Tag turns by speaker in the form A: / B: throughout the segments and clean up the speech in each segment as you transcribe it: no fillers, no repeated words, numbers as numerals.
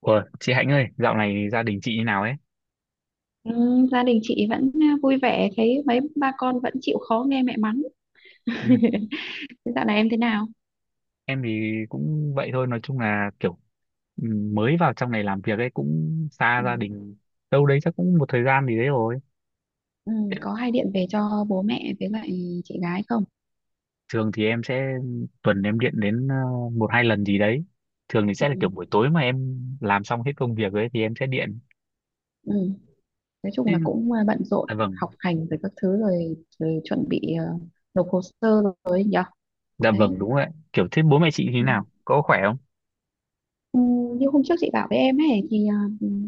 A: Ủa, chị Hạnh ơi, dạo này gia đình chị như nào ấy?
B: Ừ, gia đình chị vẫn vui vẻ, thấy mấy ba con vẫn chịu khó nghe mẹ mắng.
A: Ừ.
B: Thế dạo này em thế nào?
A: Em thì cũng vậy thôi, nói chung là kiểu ừ, mới vào trong này làm việc ấy, cũng xa
B: Ừ.
A: gia đình đâu đấy chắc cũng một thời gian gì đấy rồi.
B: Ừ,
A: Nên.
B: có hay điện về cho bố mẹ với lại chị gái không?
A: Thường thì em sẽ tuần em điện đến một hai lần gì đấy. Thường thì sẽ là
B: Ừ.
A: kiểu buổi tối mà em làm xong hết công việc ấy thì em sẽ điện.
B: Ừ. Nói chung
A: Thế-
B: là cũng bận rộn
A: Dạ vâng,
B: học hành rồi các thứ rồi, rồi chuẩn bị nộp hồ sơ rồi ấy nhở.
A: dạ
B: Đấy.
A: vâng đúng rồi. Kiểu thế bố mẹ chị như thế
B: Ừ.
A: nào? Có khỏe không?
B: Ừ, như hôm trước chị bảo với em ấy thì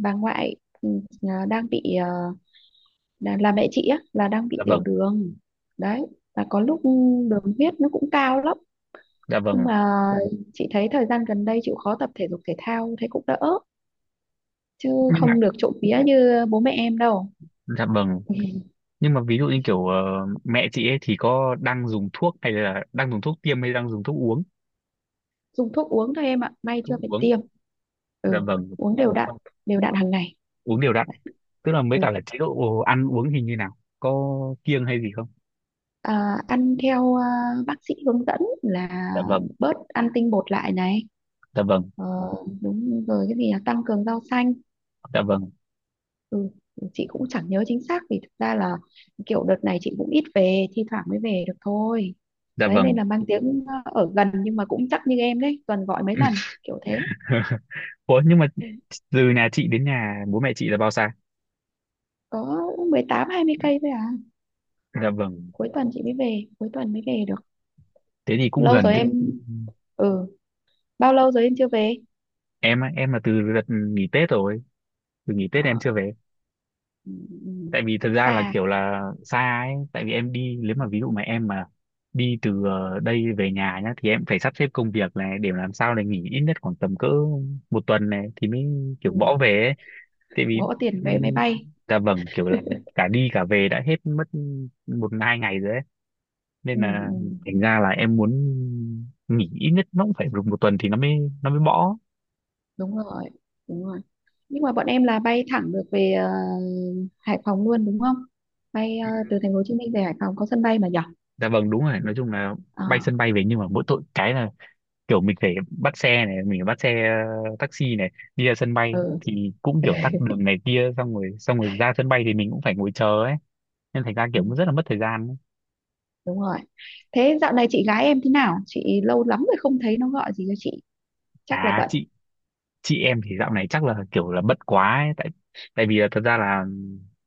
B: bà ngoại, ừ, đang bị, là mẹ chị á là đang bị
A: Dạ
B: tiểu
A: vâng,
B: đường. Đấy, và có lúc đường huyết nó cũng cao lắm,
A: dạ
B: nhưng
A: vâng.
B: mà chị thấy thời gian gần đây chịu khó tập thể dục thể thao thấy cũng đỡ, chứ
A: Nhưng mà,
B: không được trộm vía như bố mẹ em đâu.
A: dạ vâng, nhưng mà ví dụ như kiểu mẹ chị ấy thì có đang dùng thuốc, hay là đang dùng thuốc tiêm, hay đang dùng thuốc uống?
B: Dùng thuốc uống thôi em ạ, may
A: Thuốc
B: chưa phải
A: uống.
B: tiêm.
A: Dạ
B: Ừ,
A: vâng.
B: uống đều đặn,
A: Vâng,
B: đều đặn hàng ngày.
A: uống đều đặn. Tức là mới
B: Ừ.
A: cả là chế độ ăn uống hình như nào, có kiêng hay gì không?
B: À, ăn theo bác sĩ hướng dẫn là
A: Dạ vâng,
B: bớt ăn tinh bột lại này,
A: dạ vâng,
B: ờ, đúng rồi, cái gì là tăng cường rau xanh.
A: dạ vâng,
B: Ừ, chị cũng chẳng nhớ chính xác vì thực ra là kiểu đợt này chị cũng ít về, thi thoảng mới về được thôi.
A: dạ
B: Đấy, nên
A: vâng.
B: là mang tiếng ở gần nhưng mà cũng chắc như em đấy, tuần gọi mấy lần kiểu thế.
A: Ủa nhưng mà từ nhà chị đến nhà bố mẹ chị là bao xa?
B: Có 18-20 cây thôi à.
A: Dạ vâng.
B: Cuối tuần chị mới về, cuối tuần mới về được.
A: Thế thì cũng
B: Lâu
A: gần
B: rồi
A: chứ.
B: em, ừ, bao lâu rồi em chưa về.
A: Em á, em là từ đợt nghỉ Tết rồi, từ nghỉ Tết em
B: Ờ,
A: chưa về.
B: ừ, ừ, ừ,
A: Tại vì thật
B: cũng
A: ra là
B: xa.
A: kiểu là xa ấy, tại vì em đi, nếu mà ví dụ mà em mà đi từ đây về nhà nhá thì em phải sắp xếp công việc này để làm sao để nghỉ ít nhất khoảng tầm cỡ một tuần này thì mới kiểu
B: Ừ,
A: bỏ về ấy. Tại vì
B: gõ tiền vé máy
A: ừm,
B: bay.
A: dạ vâng, kiểu là cả đi cả về đã hết mất một hai ngày rồi ấy,
B: Ừ,
A: nên là
B: ừ.
A: thành ra là em muốn nghỉ ít nhất nó cũng phải được một tuần thì nó mới bỏ.
B: Đúng rồi, đúng rồi. Nhưng mà bọn em là bay thẳng được về Hải Phòng luôn đúng không, bay từ
A: Ừm,
B: thành phố Hồ Chí Minh về Hải Phòng có sân bay mà nhỉ?
A: dạ vâng đúng rồi, nói chung là
B: Ờ,
A: bay sân bay về, nhưng mà mỗi tội cái là kiểu mình phải bắt xe này, mình phải bắt xe taxi này đi ra sân bay
B: ừ,
A: thì cũng kiểu tắc đường này kia, xong rồi ra sân bay thì mình cũng phải ngồi chờ ấy, nên thành ra kiểu
B: ừ,
A: cũng rất là mất thời gian ấy.
B: đúng rồi. Thế dạo này chị gái em thế nào? Chị lâu lắm rồi không thấy nó gọi gì cho chị. Chắc là
A: À
B: bận.
A: chị em thì dạo này chắc là kiểu là bận quá ấy. Tại tại vì là thật ra là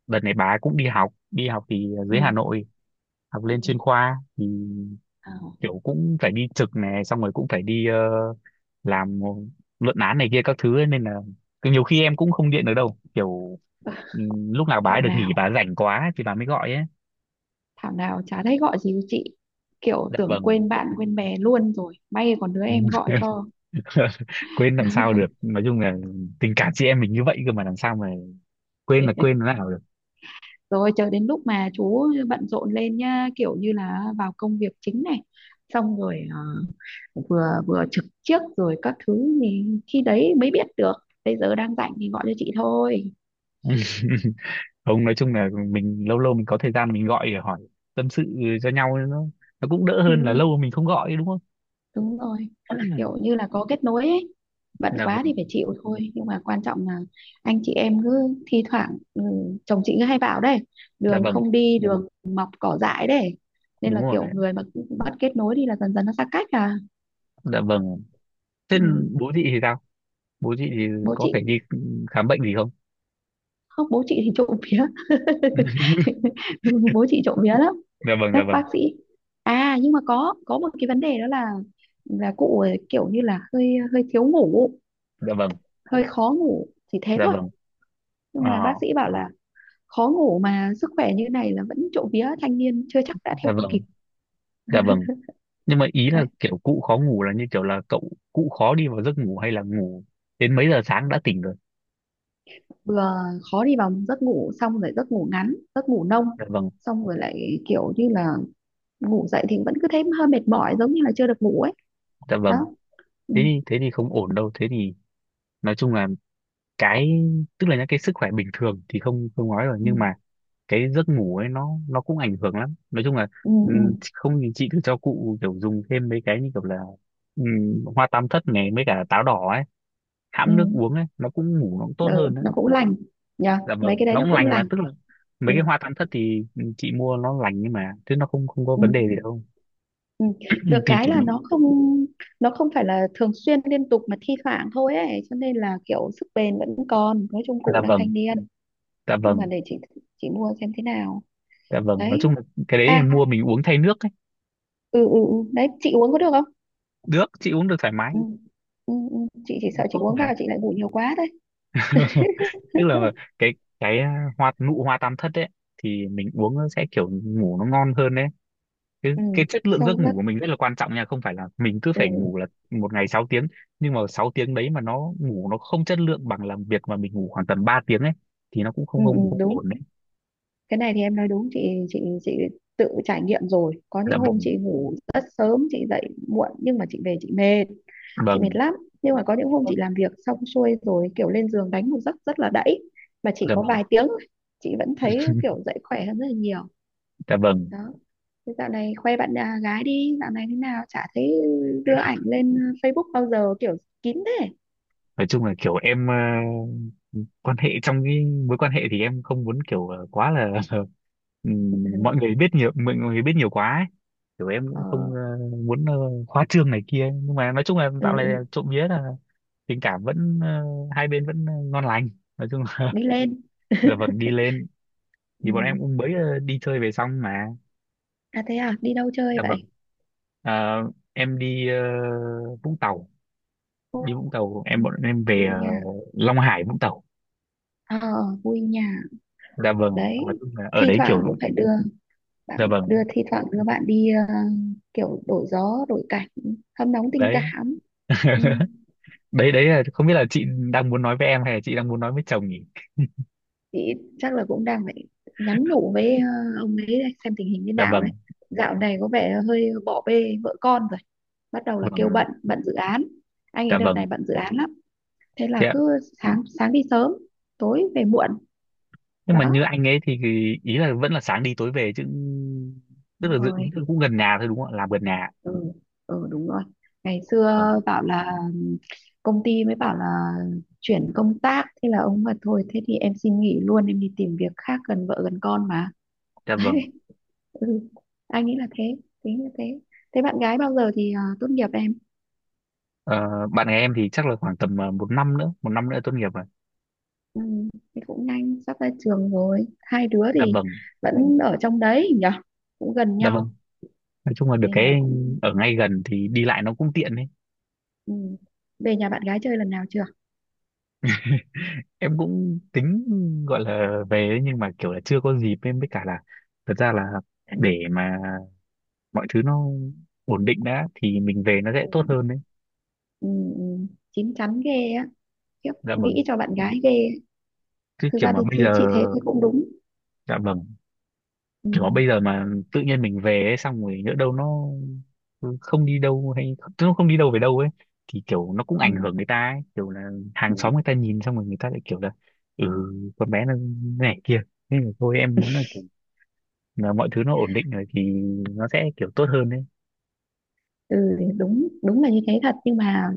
A: đợt này bà ấy cũng đi học, đi học thì
B: Ừ.
A: dưới Hà Nội, học
B: Ừ.
A: lên chuyên khoa thì
B: Ờ,
A: kiểu cũng phải đi trực này, xong rồi cũng phải đi làm luận án này kia các thứ ấy, nên là cứ nhiều khi em cũng không điện được đâu, kiểu lúc nào bà
B: Thảo
A: ấy được nghỉ,
B: nào,
A: bà ấy rảnh quá ấy, thì bà mới gọi ấy.
B: Thảo nào chả thấy gọi gì cho chị. Kiểu
A: Dạ
B: tưởng
A: vâng.
B: quên bạn quên bè luôn rồi. May còn đứa em gọi cho.
A: Quên làm sao được, nói chung là tình cảm chị em mình như vậy cơ mà, làm sao mà quên là quên thế nào được.
B: Rồi chờ đến lúc mà chú bận rộn lên nhá, kiểu như là vào công việc chính này, xong rồi vừa vừa trực trước rồi các thứ thì khi đấy mới biết được bây giờ đang rảnh thì gọi cho chị thôi.
A: Không, nói chung là mình lâu lâu mình có thời gian, mình gọi để hỏi, tâm sự cho nhau, nó cũng đỡ
B: Ừ,
A: hơn là lâu mình không gọi, đúng không?
B: đúng rồi, kiểu như là có kết nối ấy, bận
A: Dạ
B: quá thì
A: vâng,
B: phải chịu thôi, nhưng mà quan trọng là anh chị em cứ thi thoảng, ừ, chồng chị cứ hay bảo đấy,
A: dạ
B: đường
A: vâng
B: không đi đường mọc cỏ dại đấy, nên
A: đúng
B: là kiểu
A: rồi,
B: người mà cứ bắt kết nối thì là dần dần nó xa cách à.
A: dạ vâng. Thế
B: Ừ.
A: bố chị thì sao? Bố chị thì
B: Bố
A: có
B: chị.
A: phải đi khám bệnh gì không?
B: Không, bố chị thì trộm vía. Bố chị trộm vía lắm,
A: Dạ vâng, dạ
B: các
A: vâng,
B: bác sĩ. À nhưng mà có một cái vấn đề đó là cụ ấy kiểu như là hơi hơi thiếu ngủ,
A: dạ vâng,
B: hơi khó ngủ, chỉ thế
A: dạ
B: thôi.
A: vâng.
B: Nhưng
A: Ờ,
B: mà bác sĩ bảo là khó ngủ mà sức khỏe như này là vẫn trộm vía, thanh niên chưa chắc đã
A: dạ
B: theo
A: vâng,
B: kịp.
A: dạ vâng. Nhưng mà ý là
B: Đấy,
A: kiểu cụ khó ngủ là như kiểu là cụ khó đi vào giấc ngủ, hay là ngủ đến mấy giờ sáng đã tỉnh rồi?
B: vừa khó đi vào giấc ngủ, xong rồi giấc ngủ ngắn, giấc ngủ nông,
A: Dạ vâng,
B: xong rồi lại kiểu như là ngủ dậy thì vẫn cứ thấy hơi mệt mỏi giống như là chưa được ngủ ấy.
A: dạ
B: Đó.
A: vâng.
B: Ừ,
A: Thế thì, không ổn đâu. Thế thì nói chung là cái, tức là những cái sức khỏe bình thường thì không không nói rồi,
B: ừ,
A: nhưng mà cái giấc ngủ ấy, nó cũng ảnh hưởng lắm, nói chung là
B: ừ, ừ.
A: không thì chị thử cho cụ kiểu dùng thêm mấy cái như kiểu là hoa tam thất này mấy cả táo đỏ ấy,
B: Ừ,
A: hãm nước uống ấy, nó cũng ngủ, nó cũng tốt
B: ừ,
A: hơn đấy.
B: nó cũng lành, nhờ
A: Dạ
B: mấy
A: vâng,
B: cái đấy
A: nó
B: nó
A: cũng
B: cũng
A: lành mà,
B: lành.
A: tức là
B: Ừ,
A: mấy cái hoa tam thất thì chị mua, nó lành nhưng mà chứ nó không không có vấn đề
B: ừ,
A: gì đâu.
B: ừ.
A: Ừ,
B: Được
A: thì
B: cái
A: kiểu
B: là
A: mình,
B: nó không, nó không phải là thường xuyên liên tục mà thi thoảng thôi ấy, cho nên là kiểu sức bền vẫn còn, nói chung cụ
A: dạ
B: đang
A: vâng,
B: thanh niên.
A: dạ
B: Nhưng mà
A: vâng,
B: để chị mua xem thế nào.
A: dạ vâng, nói
B: Đấy.
A: chung là cái đấy thì
B: À,
A: mua mình uống thay nước ấy.
B: ừ, ừ, ừ. Đấy chị uống có được không.
A: Được, chị uống được thoải mái.
B: Ừ. Ừ, ừ. Chị chỉ
A: Nó
B: sợ chị
A: tốt
B: uống
A: mà.
B: vào chị lại ngủ nhiều quá thôi.
A: Tức là cái hoa nụ hoa tam thất ấy thì mình uống nó sẽ kiểu ngủ nó ngon hơn đấy. cái,
B: Ừ,
A: cái chất lượng giấc
B: sâu
A: ngủ
B: giấc.
A: của mình rất là quan trọng nha, không phải là mình cứ
B: Ừ,
A: phải ngủ là một ngày 6 tiếng, nhưng mà 6 tiếng đấy mà nó ngủ nó không chất lượng bằng làm việc mà mình ngủ khoảng tầm 3 tiếng ấy, thì nó cũng không
B: ừ, ừ,
A: không không
B: đúng.
A: ổn đấy.
B: Cái này thì em nói đúng, chị tự trải nghiệm rồi, có
A: Dạ
B: những hôm
A: vâng,
B: chị ngủ rất sớm chị dậy muộn nhưng mà chị về chị mệt, chị mệt
A: vâng,
B: lắm. Nhưng mà có những hôm chị
A: vâng,
B: làm việc xong xuôi rồi, kiểu lên giường đánh một giấc rất là đẫy mà chỉ
A: dạ
B: có
A: vâng,
B: vài tiếng thôi, chị vẫn thấy kiểu dậy khỏe hơn rất là nhiều.
A: dạ vâng,
B: Đó. Thế dạo này khoe bạn gái đi, dạo này thế nào chả thấy đưa ảnh lên Facebook bao giờ, kiểu kín thế.
A: nói chung là kiểu em quan hệ, trong cái mối quan hệ thì em không muốn kiểu quá là ừ, mọi người biết nhiều quá ấy. Kiểu em
B: Ờ,
A: cũng không muốn khoa trương này kia, nhưng mà nói chung là dạo này là
B: ừ,
A: trộm vía là tình cảm vẫn, hai bên vẫn ngon lành, nói chung là,
B: đi lên.
A: là vâng đi lên. Thì bọn em
B: Ừ.
A: cũng mới đi chơi về xong mà.
B: À thế à, đi đâu chơi
A: Dạ vâng.
B: vậy?
A: Ờ, em đi Vũng Tàu,
B: Ồ,
A: đi Vũng Tàu, em bọn em về
B: vui nhà.
A: Long Hải Vũng Tàu.
B: Ờ, vui nhà.
A: Dạ vâng, nói
B: Đấy,
A: chung là ở
B: thi
A: đấy
B: thoảng
A: kiểu,
B: cũng phải đưa bạn,
A: dạ vâng.
B: đưa thi thoảng đưa bạn đi kiểu đổi gió đổi cảnh, hâm nóng tình
A: Đấy,
B: cảm. Ừ.
A: đấy, đấy là không biết là chị đang muốn nói với em hay là chị đang muốn nói với chồng nhỉ?
B: Chị chắc là cũng đang phải nhắn nhủ với ông ấy đây, xem tình hình như
A: Dạ
B: nào đấy,
A: vâng,
B: dạo này có vẻ hơi bỏ bê vợ con rồi, bắt đầu là kêu
A: vâng,
B: bận, bận dự án. Anh ấy
A: dạ
B: đợt
A: vâng.
B: này bận dự án lắm, thế là
A: Thế
B: cứ sáng sáng đi sớm, tối về muộn.
A: nhưng mà như
B: Đó.
A: anh ấy thì ý là vẫn là sáng đi tối về chứ. Tức
B: Đúng
A: là
B: rồi.
A: tức là cũng gần nhà thôi, đúng không ạ? Làm gần nhà.
B: Ừ, ừ đúng rồi. Ngày xưa
A: Vâng,
B: bảo là công ty mới bảo là chuyển công tác, thế là ông mà thôi thế thì em xin nghỉ luôn, em đi tìm việc khác gần vợ gần con mà.
A: dạ vâng.
B: Ừ, anh nghĩ là thế, tính là thế. Thế bạn gái bao giờ thì tốt nghiệp em?
A: Ờ, bạn gái em thì chắc là khoảng tầm một năm nữa, một năm nữa tốt nghiệp rồi.
B: Ừ, thì cũng nhanh sắp ra trường rồi, hai đứa
A: Dạ
B: thì
A: vâng,
B: vẫn ở trong đấy nhỉ, cũng gần
A: dạ vâng,
B: nhau
A: nói chung là được
B: nên
A: cái
B: là cũng.
A: ở ngay gần thì đi lại nó cũng tiện đấy.
B: Ừ. Về nhà bạn gái chơi lần nào chưa?
A: Em cũng tính gọi là về đấy, nhưng mà kiểu là chưa có dịp, em với cả là thật ra là
B: Ừ,
A: để mà mọi thứ nó ổn định đã thì mình về nó sẽ tốt
B: ừ,
A: hơn đấy.
B: ừ. Chín chắn ghê á, khiếp,
A: Dạ vâng,
B: nghĩ cho bạn gái ghê ấy.
A: chứ
B: thực
A: kiểu
B: ra
A: mà
B: thì,
A: bây
B: thì
A: giờ,
B: chị thế, thế cũng đúng.
A: dạ vâng,
B: Ừ,
A: kiểu mà bây giờ mà tự nhiên mình về ấy, xong rồi nhỡ đâu nó không đi đâu, hay tức nó không đi đâu về đâu ấy, thì kiểu nó cũng
B: ừ,
A: ảnh hưởng người ta ấy. Kiểu là
B: ừ,
A: hàng xóm người ta nhìn xong rồi người ta lại kiểu là ừ con bé nó này kia, nên là thôi em muốn là kiểu là mọi thứ nó ổn định rồi thì nó sẽ kiểu tốt hơn đấy.
B: Ừ, đúng, đúng là như thế thật, nhưng mà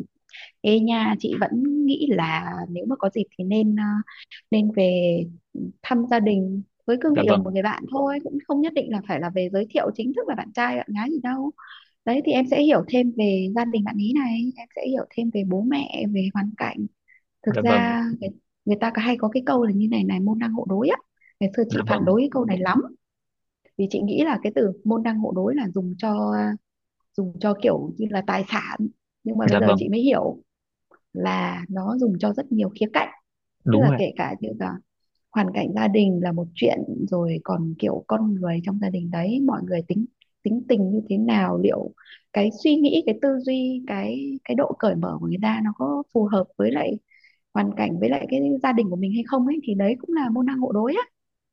B: ê nha, chị vẫn nghĩ là nếu mà có dịp thì nên nên về thăm gia đình với cương
A: Dạ
B: vị là một
A: vâng,
B: người bạn thôi, cũng không nhất định là phải là về giới thiệu chính thức là bạn trai bạn gái gì đâu. Đấy thì em sẽ hiểu thêm về gia đình bạn ý này, em sẽ hiểu thêm về bố mẹ về hoàn cảnh. thực
A: dạ vâng,
B: ra người, Người ta có hay có cái câu là như này này, môn đăng hộ đối á. Ngày xưa
A: dạ
B: chị phản
A: vâng,
B: đối cái câu này lắm, vì chị nghĩ là cái từ môn đăng hộ đối là dùng cho kiểu như là tài sản, nhưng mà bây
A: dạ
B: giờ
A: vâng
B: chị mới hiểu là nó dùng cho rất nhiều khía cạnh, tức
A: đúng
B: là
A: rồi ạ,
B: kể cả như là hoàn cảnh gia đình là một chuyện, rồi còn kiểu con người trong gia đình đấy, mọi người tính, tính tình như thế nào, liệu cái suy nghĩ, cái tư duy, cái độ cởi mở của người ta nó có phù hợp với lại hoàn cảnh với lại cái gia đình của mình hay không ấy, thì đấy cũng là môn đăng hộ đối á.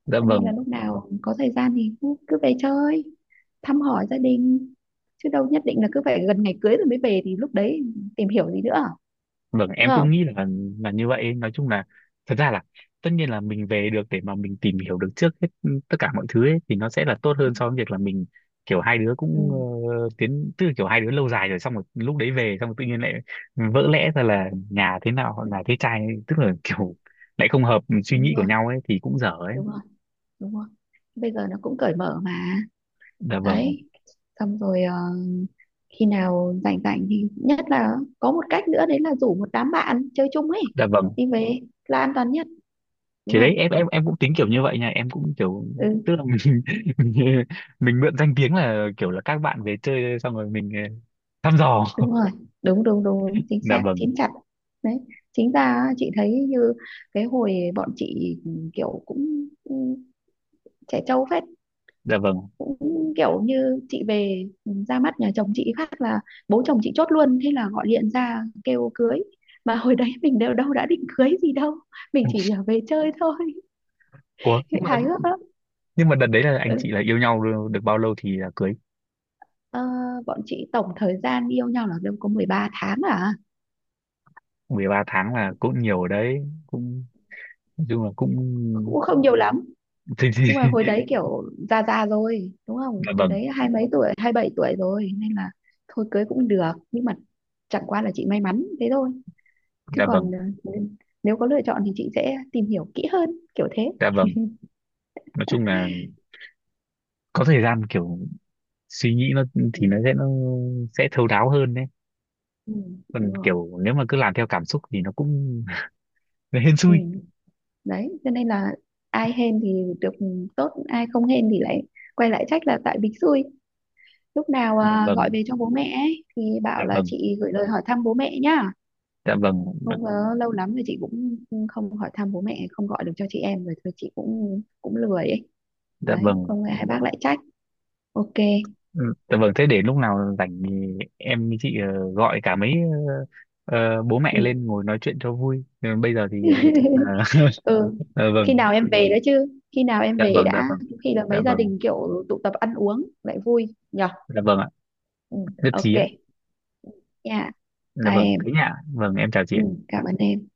A: dạ
B: Cho nên là
A: vâng.
B: lúc nào có thời gian thì cứ về chơi thăm hỏi gia đình, chứ đâu nhất định là cứ phải gần ngày cưới rồi mới về, thì lúc đấy tìm hiểu gì nữa,
A: Vâng,
B: đúng
A: em
B: không.
A: cũng nghĩ là như vậy ấy. Nói chung là thật ra là tất nhiên là mình về được để mà mình tìm hiểu được trước hết tất cả mọi thứ ấy thì nó sẽ là tốt hơn so với việc là mình kiểu hai đứa cũng
B: Ừ,
A: tiến, tức là kiểu hai đứa lâu dài rồi, xong rồi lúc đấy về xong rồi tự nhiên lại vỡ lẽ ra là nhà thế nào, nhà thế trai, tức là kiểu lại không hợp suy nghĩ
B: đúng
A: của
B: rồi,
A: nhau ấy thì cũng dở ấy.
B: đúng rồi, đúng rồi. Bây giờ nó cũng cởi mở mà.
A: Dạ vâng,
B: Đấy, xong rồi khi nào rảnh rảnh thì nhất là có một cách nữa đấy, là rủ một đám bạn chơi chung ấy,
A: dạ vâng.
B: đi về là an toàn nhất, đúng
A: Thì đấy
B: không.
A: em, em cũng tính kiểu như vậy nha, em cũng kiểu,
B: Ừ,
A: tức là mình mình, mình mượn danh tiếng là kiểu là các bạn về chơi, xong rồi mình thăm dò.
B: đúng rồi, đúng đúng đúng đúng. Chính
A: Dạ
B: xác,
A: vâng,
B: chín chặt. Đấy. Chính ra á, chị thấy như cái hồi bọn chị, ừ, kiểu cũng cũng trẻ trâu phết,
A: dạ vâng.
B: cũng kiểu như chị về, ừ, ra mắt nhà chồng chị phát là bố chồng chị chốt luôn, thế là gọi điện ra kêu cưới, mà hồi đấy mình đều đâu đã định cưới gì đâu, mình chỉ là về chơi thôi.
A: Ủa, nhưng mà
B: Hài hước lắm.
A: nhưng mà đợt đấy là anh chị
B: Ừ.
A: là yêu nhau được được bao lâu thì là cưới?
B: Ờ, bọn chị tổng thời gian yêu nhau là đâu có 13 tháng à.
A: 13 tháng là cũng nhiều đấy, cũng nói chung là cũng
B: Cũng không nhiều lắm,
A: thì
B: nhưng mà hồi đấy kiểu già già rồi đúng không,
A: dạ
B: hồi
A: vâng,
B: đấy hai mấy tuổi, 27 tuổi rồi nên là thôi cưới cũng được. Nhưng mà chẳng qua là chị may mắn thế thôi, chứ
A: dạ vâng,
B: còn ờ, nếu có lựa chọn thì chị sẽ tìm hiểu kỹ hơn kiểu thế.
A: dạ vâng, nói chung là có thời gian kiểu suy nghĩ nó thì
B: Ừ.
A: nó sẽ thấu đáo hơn đấy.
B: Ừ,
A: Còn
B: đúng rồi.
A: kiểu nếu mà cứ làm theo cảm xúc thì nó cũng nó hên
B: Ừ.
A: xui.
B: Đấy cho nên là ai hên thì được tốt, ai không hên thì lại quay lại trách là tại bình xui. Lúc nào
A: Dạ
B: gọi
A: vâng,
B: về cho bố mẹ ấy, thì
A: dạ
B: bảo là
A: vâng,
B: chị gửi lời hỏi thăm bố mẹ nhá.
A: dạ vâng,
B: Không, có lâu lắm rồi chị cũng không hỏi thăm bố mẹ, không gọi được cho chị em rồi, thôi chị cũng cũng lười ấy.
A: dạ
B: Đấy,
A: vâng.
B: không ngờ hai bác lại trách. Ok.
A: Ừ, dạ vâng, thế để lúc nào rảnh thì em với chị gọi cả mấy bố
B: Ừ.
A: mẹ lên ngồi nói chuyện cho vui. Ừ, bây giờ thì ờ,
B: Ừ.
A: ờ,
B: Khi
A: vâng,
B: nào em về đó chứ? Khi nào em
A: dạ
B: về
A: vâng, dạ
B: đã?
A: vâng,
B: Khi là
A: dạ
B: mấy gia
A: vâng,
B: đình kiểu tụ tập ăn uống lại vui nhở?
A: dạ vâng ạ,
B: Ừ.
A: nhất trí
B: Ok.
A: ạ.
B: Nha.
A: Dạ
B: Bye
A: vâng, thế
B: em.
A: nhá, vâng, em chào chị
B: Ừ,
A: ạ.
B: cảm ơn em.